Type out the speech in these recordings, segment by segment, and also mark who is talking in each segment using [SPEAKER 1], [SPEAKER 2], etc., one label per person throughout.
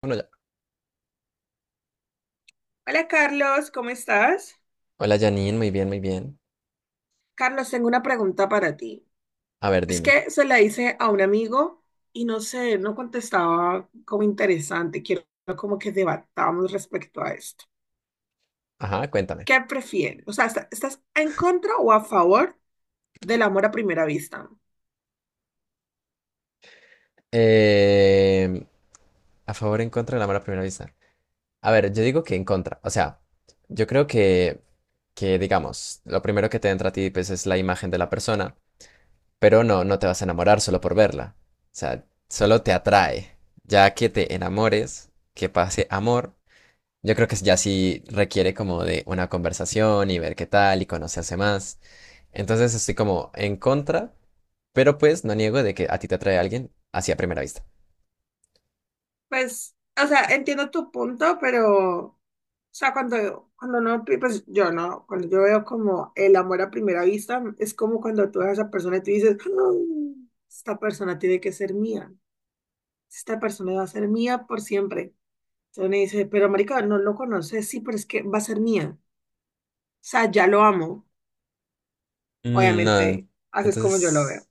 [SPEAKER 1] Bueno, ya.
[SPEAKER 2] Hola Carlos, ¿cómo estás?
[SPEAKER 1] Hola Janine, muy bien, muy bien.
[SPEAKER 2] Carlos, tengo una pregunta para ti.
[SPEAKER 1] A ver,
[SPEAKER 2] Es
[SPEAKER 1] dime.
[SPEAKER 2] que se la hice a un amigo y no sé, no contestaba como interesante. Quiero como que debatamos respecto a esto.
[SPEAKER 1] Ajá, cuéntame.
[SPEAKER 2] ¿Qué prefieres? O sea, ¿estás en contra o a favor del amor a primera vista?
[SPEAKER 1] Eh, ¿A favor o en contra del amor a primera vista? A ver, yo digo que en contra. O sea, yo creo que digamos, lo primero que te entra a ti, pues, es la imagen de la persona, pero no te vas a enamorar solo por verla. O sea, solo te atrae. Ya que te enamores, que pase amor, yo creo que ya sí requiere como de una conversación y ver qué tal y conocerse más. Entonces estoy como en contra, pero pues no niego de que a ti te atrae alguien hacia primera vista.
[SPEAKER 2] Pues, o sea, entiendo tu punto, pero, o sea, cuando no, pues yo no, cuando yo veo como el amor a primera vista, es como cuando tú ves a esa persona y tú dices, "Mm, esta persona tiene que ser mía, esta persona va a ser mía por siempre." Entonces me dice, pero marica, no lo conoces, sí, pero es que va a ser mía, o sea, ya lo amo,
[SPEAKER 1] Mm, no,
[SPEAKER 2] obviamente,
[SPEAKER 1] en-
[SPEAKER 2] haces como yo lo veo.
[SPEAKER 1] entonces,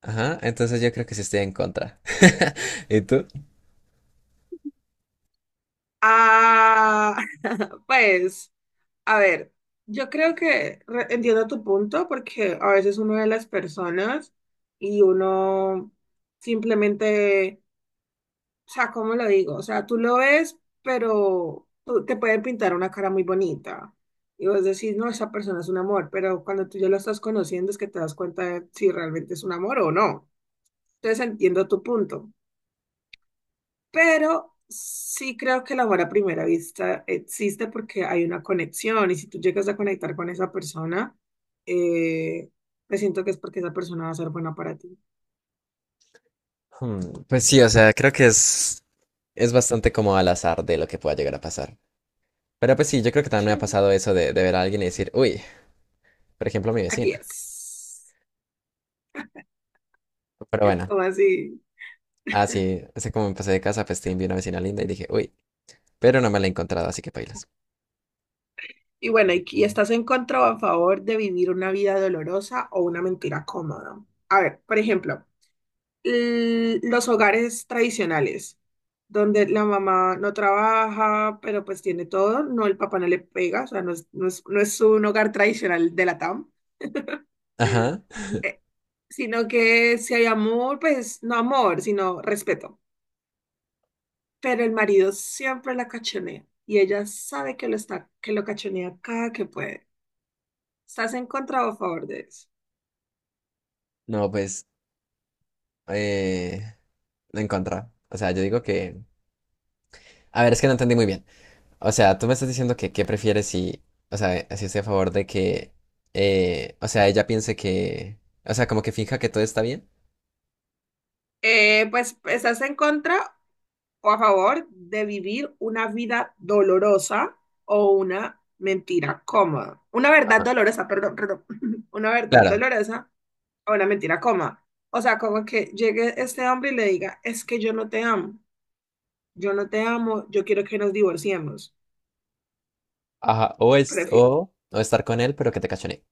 [SPEAKER 1] ajá, entonces yo creo que sí estoy en contra. ¿Y tú?
[SPEAKER 2] Ah, pues, a ver, yo creo que entiendo tu punto porque a veces uno ve las personas y uno simplemente, o sea, ¿cómo lo digo? O sea, tú lo ves, pero te pueden pintar una cara muy bonita y vos decís, no, esa persona es un amor, pero cuando tú ya lo estás conociendo es que te das cuenta de si realmente es un amor o no. Entonces entiendo tu punto, pero sí creo que el amor a primera vista existe porque hay una conexión y si tú llegas a conectar con esa persona, eh, pues siento que es porque esa persona va a ser buena para ti.
[SPEAKER 1] Hmm, pues sí, o sea, creo que es bastante como al azar de lo que pueda llegar a pasar. Pero pues sí, yo creo que también me ha
[SPEAKER 2] Sí,
[SPEAKER 1] pasado eso de ver a alguien y decir, uy, por ejemplo, mi
[SPEAKER 2] aquí
[SPEAKER 1] vecina.
[SPEAKER 2] es.
[SPEAKER 1] Pero bueno,
[SPEAKER 2] ¿Cómo así?
[SPEAKER 1] así como me pasé de casa, pues te vi una vecina linda y dije, uy, pero no me la he encontrado, así que pailas.
[SPEAKER 2] Y bueno, ¿Y estás en contra o a favor de vivir una vida dolorosa o una mentira cómoda? A ver, por ejemplo, los hogares tradicionales, donde la mamá no trabaja, pero pues tiene todo, no, el papá no le pega, o sea, no es un hogar tradicional de la TAM,
[SPEAKER 1] Ajá.
[SPEAKER 2] eh, sino que si hay amor, pues no amor, sino respeto. Pero el marido siempre la cachonea y ella sabe que lo está, que lo cachonea cada que puede. ¿Estás en contra o a favor de eso?
[SPEAKER 1] No, pues, eh, en contra. O sea, yo digo que… A ver, es que no entendí muy bien. O sea, tú me estás diciendo que qué prefieres si… O sea, si estoy a favor de que… o sea, ella piense que… O sea, como que finja que todo está bien.
[SPEAKER 2] Pues estás en contra o a favor de vivir una vida dolorosa o una mentira cómoda. Una verdad
[SPEAKER 1] Ajá.
[SPEAKER 2] dolorosa, perdón, perdón. Una verdad
[SPEAKER 1] Claro.
[SPEAKER 2] dolorosa o una mentira cómoda. O sea, como que llegue este hombre y le diga, es que yo no te amo, yo no te amo, yo quiero que nos divorciemos.
[SPEAKER 1] Ajá. O es…
[SPEAKER 2] Prefi-
[SPEAKER 1] O estar con él, pero que te cachonee.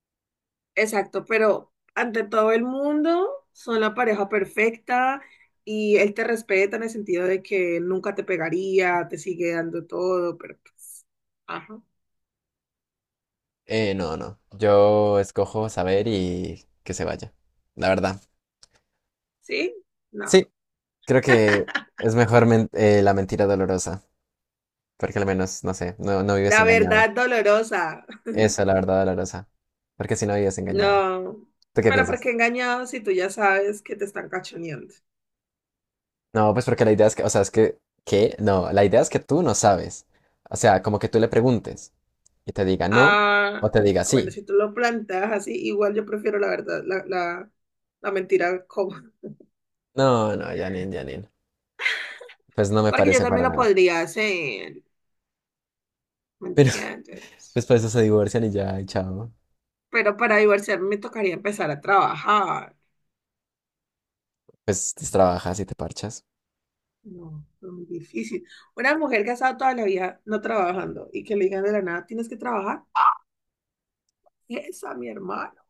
[SPEAKER 2] Exacto, pero ante todo el mundo son la pareja perfecta y él te respeta en el sentido de que nunca te pegaría, te sigue dando todo, pero pues, ajá,
[SPEAKER 1] No, no. Yo escojo saber y que se vaya. La verdad.
[SPEAKER 2] ¿sí? No.
[SPEAKER 1] Sí, creo que la mentira dolorosa. Porque al menos, no sé, no vives
[SPEAKER 2] La
[SPEAKER 1] engañada.
[SPEAKER 2] verdad dolorosa.
[SPEAKER 1] Esa es la verdad dolorosa. Porque si no vives engañada.
[SPEAKER 2] No.
[SPEAKER 1] ¿Tú qué
[SPEAKER 2] Pero ¿por
[SPEAKER 1] piensas?
[SPEAKER 2] qué engañado si tú ya sabes que te están cachoneando?
[SPEAKER 1] No, pues porque la idea es que, o sea, es que, ¿qué? No, la idea es que tú no sabes. O sea, como que tú le preguntes y te diga no
[SPEAKER 2] Ah,
[SPEAKER 1] o te diga
[SPEAKER 2] bueno,
[SPEAKER 1] sí.
[SPEAKER 2] si tú lo planteas así, igual yo prefiero la verdad, la mentira cómoda.
[SPEAKER 1] No, no, Janine, Janine. Pues no me
[SPEAKER 2] Porque yo
[SPEAKER 1] parece
[SPEAKER 2] también
[SPEAKER 1] para
[SPEAKER 2] lo
[SPEAKER 1] nada.
[SPEAKER 2] podría hacer, ¿me
[SPEAKER 1] Pero
[SPEAKER 2] entiendes?
[SPEAKER 1] después de eso se divorcian y ya, y chao.
[SPEAKER 2] Pero para divorciarme me tocaría empezar a trabajar.
[SPEAKER 1] Pues trabajas y te parchas.
[SPEAKER 2] No, es muy difícil. Una mujer que ha estado toda la vida no trabajando y que le digan de la nada, tienes que trabajar. Esa, mi hermano.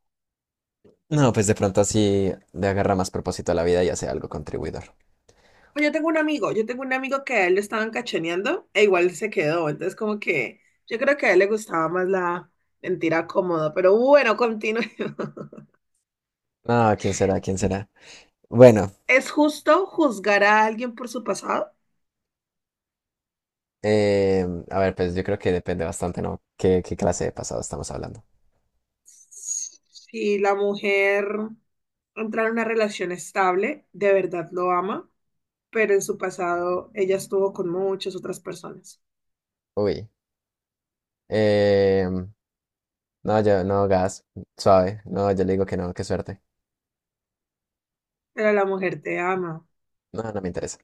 [SPEAKER 1] No, pues de pronto así le agarra más propósito a la vida y hace algo contribuidor.
[SPEAKER 2] Pues yo tengo un amigo que a él lo estaban cachoneando e igual se quedó. Entonces, como que yo creo que a él le gustaba más la mentira cómoda. Pero bueno, continuemos.
[SPEAKER 1] No, ¿quién será? ¿Quién será? Bueno,
[SPEAKER 2] ¿Es justo juzgar a alguien por su pasado?
[SPEAKER 1] a ver, pues yo creo que depende bastante, ¿no? ¿Qué clase de pasado estamos hablando?
[SPEAKER 2] Si la mujer entra en una relación estable, de verdad lo ama, pero en su pasado ella estuvo con muchas otras personas.
[SPEAKER 1] Uy. Eh, No, yo, no, gas, suave. No, yo le digo que no, qué suerte.
[SPEAKER 2] Pero la mujer te ama.
[SPEAKER 1] No, no me interesa.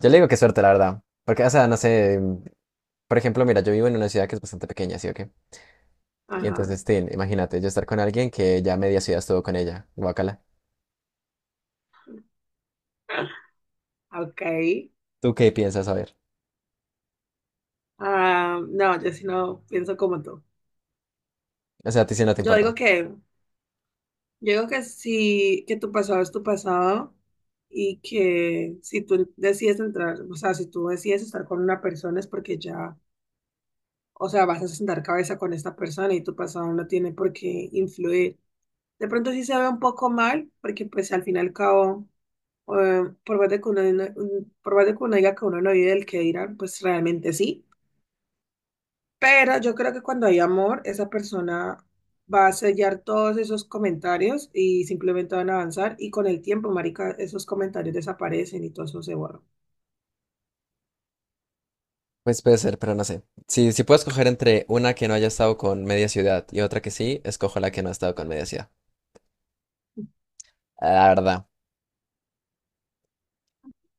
[SPEAKER 1] Yo le digo qué suerte, la verdad. Porque, o sea, no sé. Por ejemplo, mira, yo vivo en una ciudad que es bastante pequeña, ¿sí o qué? Y
[SPEAKER 2] Ajá.
[SPEAKER 1] entonces, tin, imagínate, yo estar con alguien que ya media ciudad estuvo con ella. Guácala.
[SPEAKER 2] Ok.
[SPEAKER 1] ¿Tú qué piensas? A ver.
[SPEAKER 2] Ah, no, yo sí no pienso como tú.
[SPEAKER 1] O sea, a ti sí no te
[SPEAKER 2] Yo
[SPEAKER 1] importa.
[SPEAKER 2] digo que Yo digo que sí, que tu pasado es tu pasado y que si tú decides entrar, o sea, si tú decides estar con una persona es porque ya, o sea, vas a sentar cabeza con esta persona y tu pasado no tiene por qué influir. De pronto sí se ve un poco mal, porque pues al fin y al cabo, por más de que uno, no, por más de que uno diga que uno no vive del que dirán, pues realmente sí. Pero yo creo que cuando hay amor, esa persona va a sellar todos esos comentarios y simplemente van a avanzar y con el tiempo, marica, esos comentarios desaparecen y todo eso se borra.
[SPEAKER 1] Pues puede ser, pero no sé. Si puedo escoger entre una que no haya estado con media ciudad y otra que sí, escojo la que no ha estado con media ciudad. La verdad.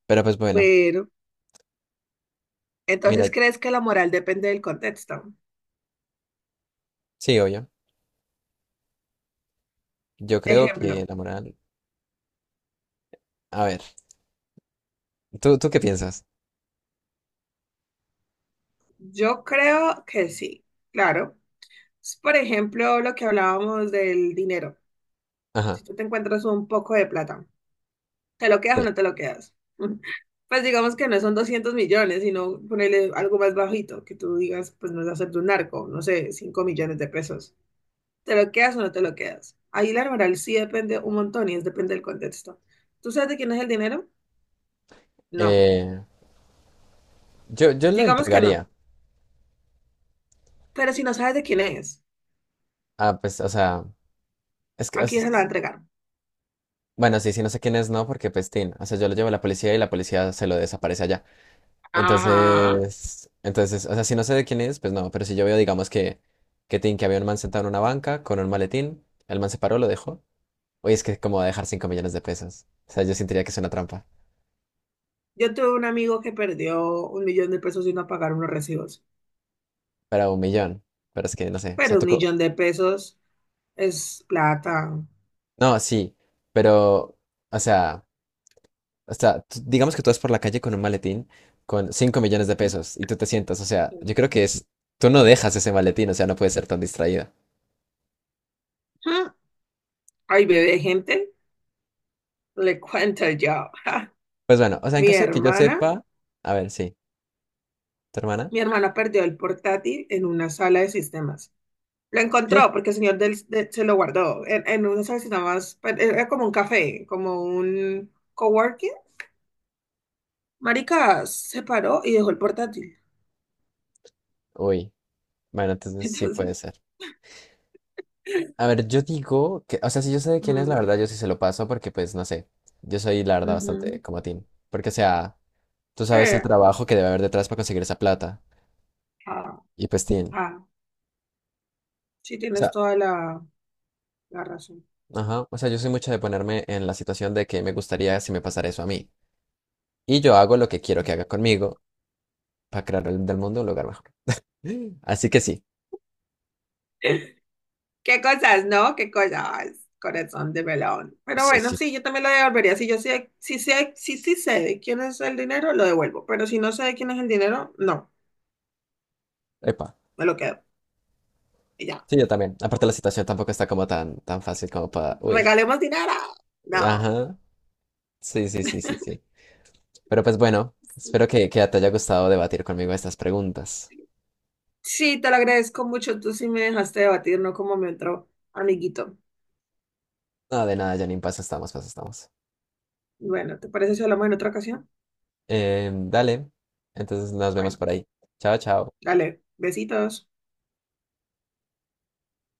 [SPEAKER 1] Pero pues bueno,
[SPEAKER 2] Bueno, entonces,
[SPEAKER 1] mira,
[SPEAKER 2] ¿crees que la moral depende del contexto?
[SPEAKER 1] sí, obvio. Yo creo que
[SPEAKER 2] Ejemplo,
[SPEAKER 1] la moral. A ver, ¿tú qué piensas?
[SPEAKER 2] yo creo que sí, claro. Por ejemplo, lo que hablábamos del dinero.
[SPEAKER 1] Ajá,
[SPEAKER 2] Si tú te encuentras un poco de plata, ¿te lo quedas o
[SPEAKER 1] sí.
[SPEAKER 2] no te lo quedas? Pues digamos que no son 200 millones, sino ponerle algo más bajito, que tú digas, pues no es hacer de un narco, no sé, 5 millones de pesos. ¿Te lo quedas o no te lo quedas? Ahí la moral sí depende un montón y es depende del contexto. ¿Tú sabes de quién es el dinero? No.
[SPEAKER 1] Eh, yo lo
[SPEAKER 2] Digamos que no.
[SPEAKER 1] entregaría.
[SPEAKER 2] Pero si no sabes de quién es,
[SPEAKER 1] Ah, pues, o sea, es que,
[SPEAKER 2] ¿a quién se lo va a
[SPEAKER 1] es-
[SPEAKER 2] entregar?
[SPEAKER 1] bueno, sí, sí, no sé quién es, no, porque pestín. O sea, yo lo llevo a la policía y la policía se lo desaparece allá.
[SPEAKER 2] Ajá.
[SPEAKER 1] Entonces, o sea, si no sé de quién es, pues no, pero si yo veo, digamos tin, que había un man sentado en una banca con un maletín, el man se paró, lo dejó. Oye, es que como va a dejar 5 millones de pesos. O sea, yo sentiría que es una trampa.
[SPEAKER 2] Yo tuve un amigo que perdió 1 millón de pesos y no pagaron los recibos.
[SPEAKER 1] Para un millón. Pero es que, no sé, o sea,
[SPEAKER 2] Pero un
[SPEAKER 1] tú… co-
[SPEAKER 2] millón de pesos es plata.
[SPEAKER 1] No, sí, pero, o sea… O sea, tú- digamos que tú vas por la calle con un maletín con cinco millones de
[SPEAKER 2] Ujú.
[SPEAKER 1] pesos y tú te sientas, o sea, yo creo que es, tú no dejas ese maletín, o sea, no puedes ser tan distraída.
[SPEAKER 2] Ay, bebé, gente, le cuento yo. Ja.
[SPEAKER 1] Pues bueno, o sea, en
[SPEAKER 2] Mi
[SPEAKER 1] caso de que yo
[SPEAKER 2] hermana,
[SPEAKER 1] sepa, a ver, sí, ¿tu hermana?
[SPEAKER 2] mi hermana perdió el portátil en una sala de sistemas. Lo
[SPEAKER 1] ¿Qué?
[SPEAKER 2] encontró porque el señor se lo guardó en una sala de sistemas. Pues, era como un café, como un coworking. Marica se paró y dejó el portátil.
[SPEAKER 1] Uy, bueno, entonces sí puede
[SPEAKER 2] Entonces,
[SPEAKER 1] ser. A ver, yo digo que, o sea, si yo sé de quién es, la
[SPEAKER 2] mm,
[SPEAKER 1] verdad, yo sí se lo paso porque, pues, no sé, yo soy, la verdad,
[SPEAKER 2] ujú.
[SPEAKER 1] bastante como Tim. Porque, o sea, tú sabes el
[SPEAKER 2] Eh,
[SPEAKER 1] trabajo que debe haber detrás para conseguir esa plata.
[SPEAKER 2] ah,
[SPEAKER 1] Y pues, Tim,
[SPEAKER 2] ah, sí
[SPEAKER 1] o
[SPEAKER 2] tienes
[SPEAKER 1] sea,
[SPEAKER 2] toda la razón.
[SPEAKER 1] ajá, o sea, yo soy mucho de ponerme en la situación de que me gustaría si me pasara eso a mí. Y yo hago lo que quiero que haga conmigo para crear del mundo un lugar mejor. Así que sí,
[SPEAKER 2] Qué cosas, ¿no? Qué cosas, corazón de melón. Pero
[SPEAKER 1] sí,
[SPEAKER 2] bueno,
[SPEAKER 1] sí.
[SPEAKER 2] sí, yo también lo devolvería. Si yo sé, si sí sé de quién es el dinero, lo devuelvo. Pero si no sé de quién es el dinero, no,
[SPEAKER 1] Epa.
[SPEAKER 2] me lo quedo. Y ya,
[SPEAKER 1] Sí, yo también. Aparte la situación tampoco está como tan, tan fácil como para… Uy.
[SPEAKER 2] regalemos dinero. No.
[SPEAKER 1] Ajá. Sí, sí, sí, sí, sí. Pero pues bueno, espero que te haya gustado debatir conmigo estas preguntas.
[SPEAKER 2] Sí, te lo agradezco mucho. Tú sí me dejaste debatir, no como me entró, amiguito.
[SPEAKER 1] Nada de nada, Janine, paso estamos, paso estamos.
[SPEAKER 2] Bueno, ¿te parece si hablamos en otra ocasión?
[SPEAKER 1] Dale. Entonces nos vemos
[SPEAKER 2] Bueno,
[SPEAKER 1] por ahí. Chao, chao.
[SPEAKER 2] dale, besitos.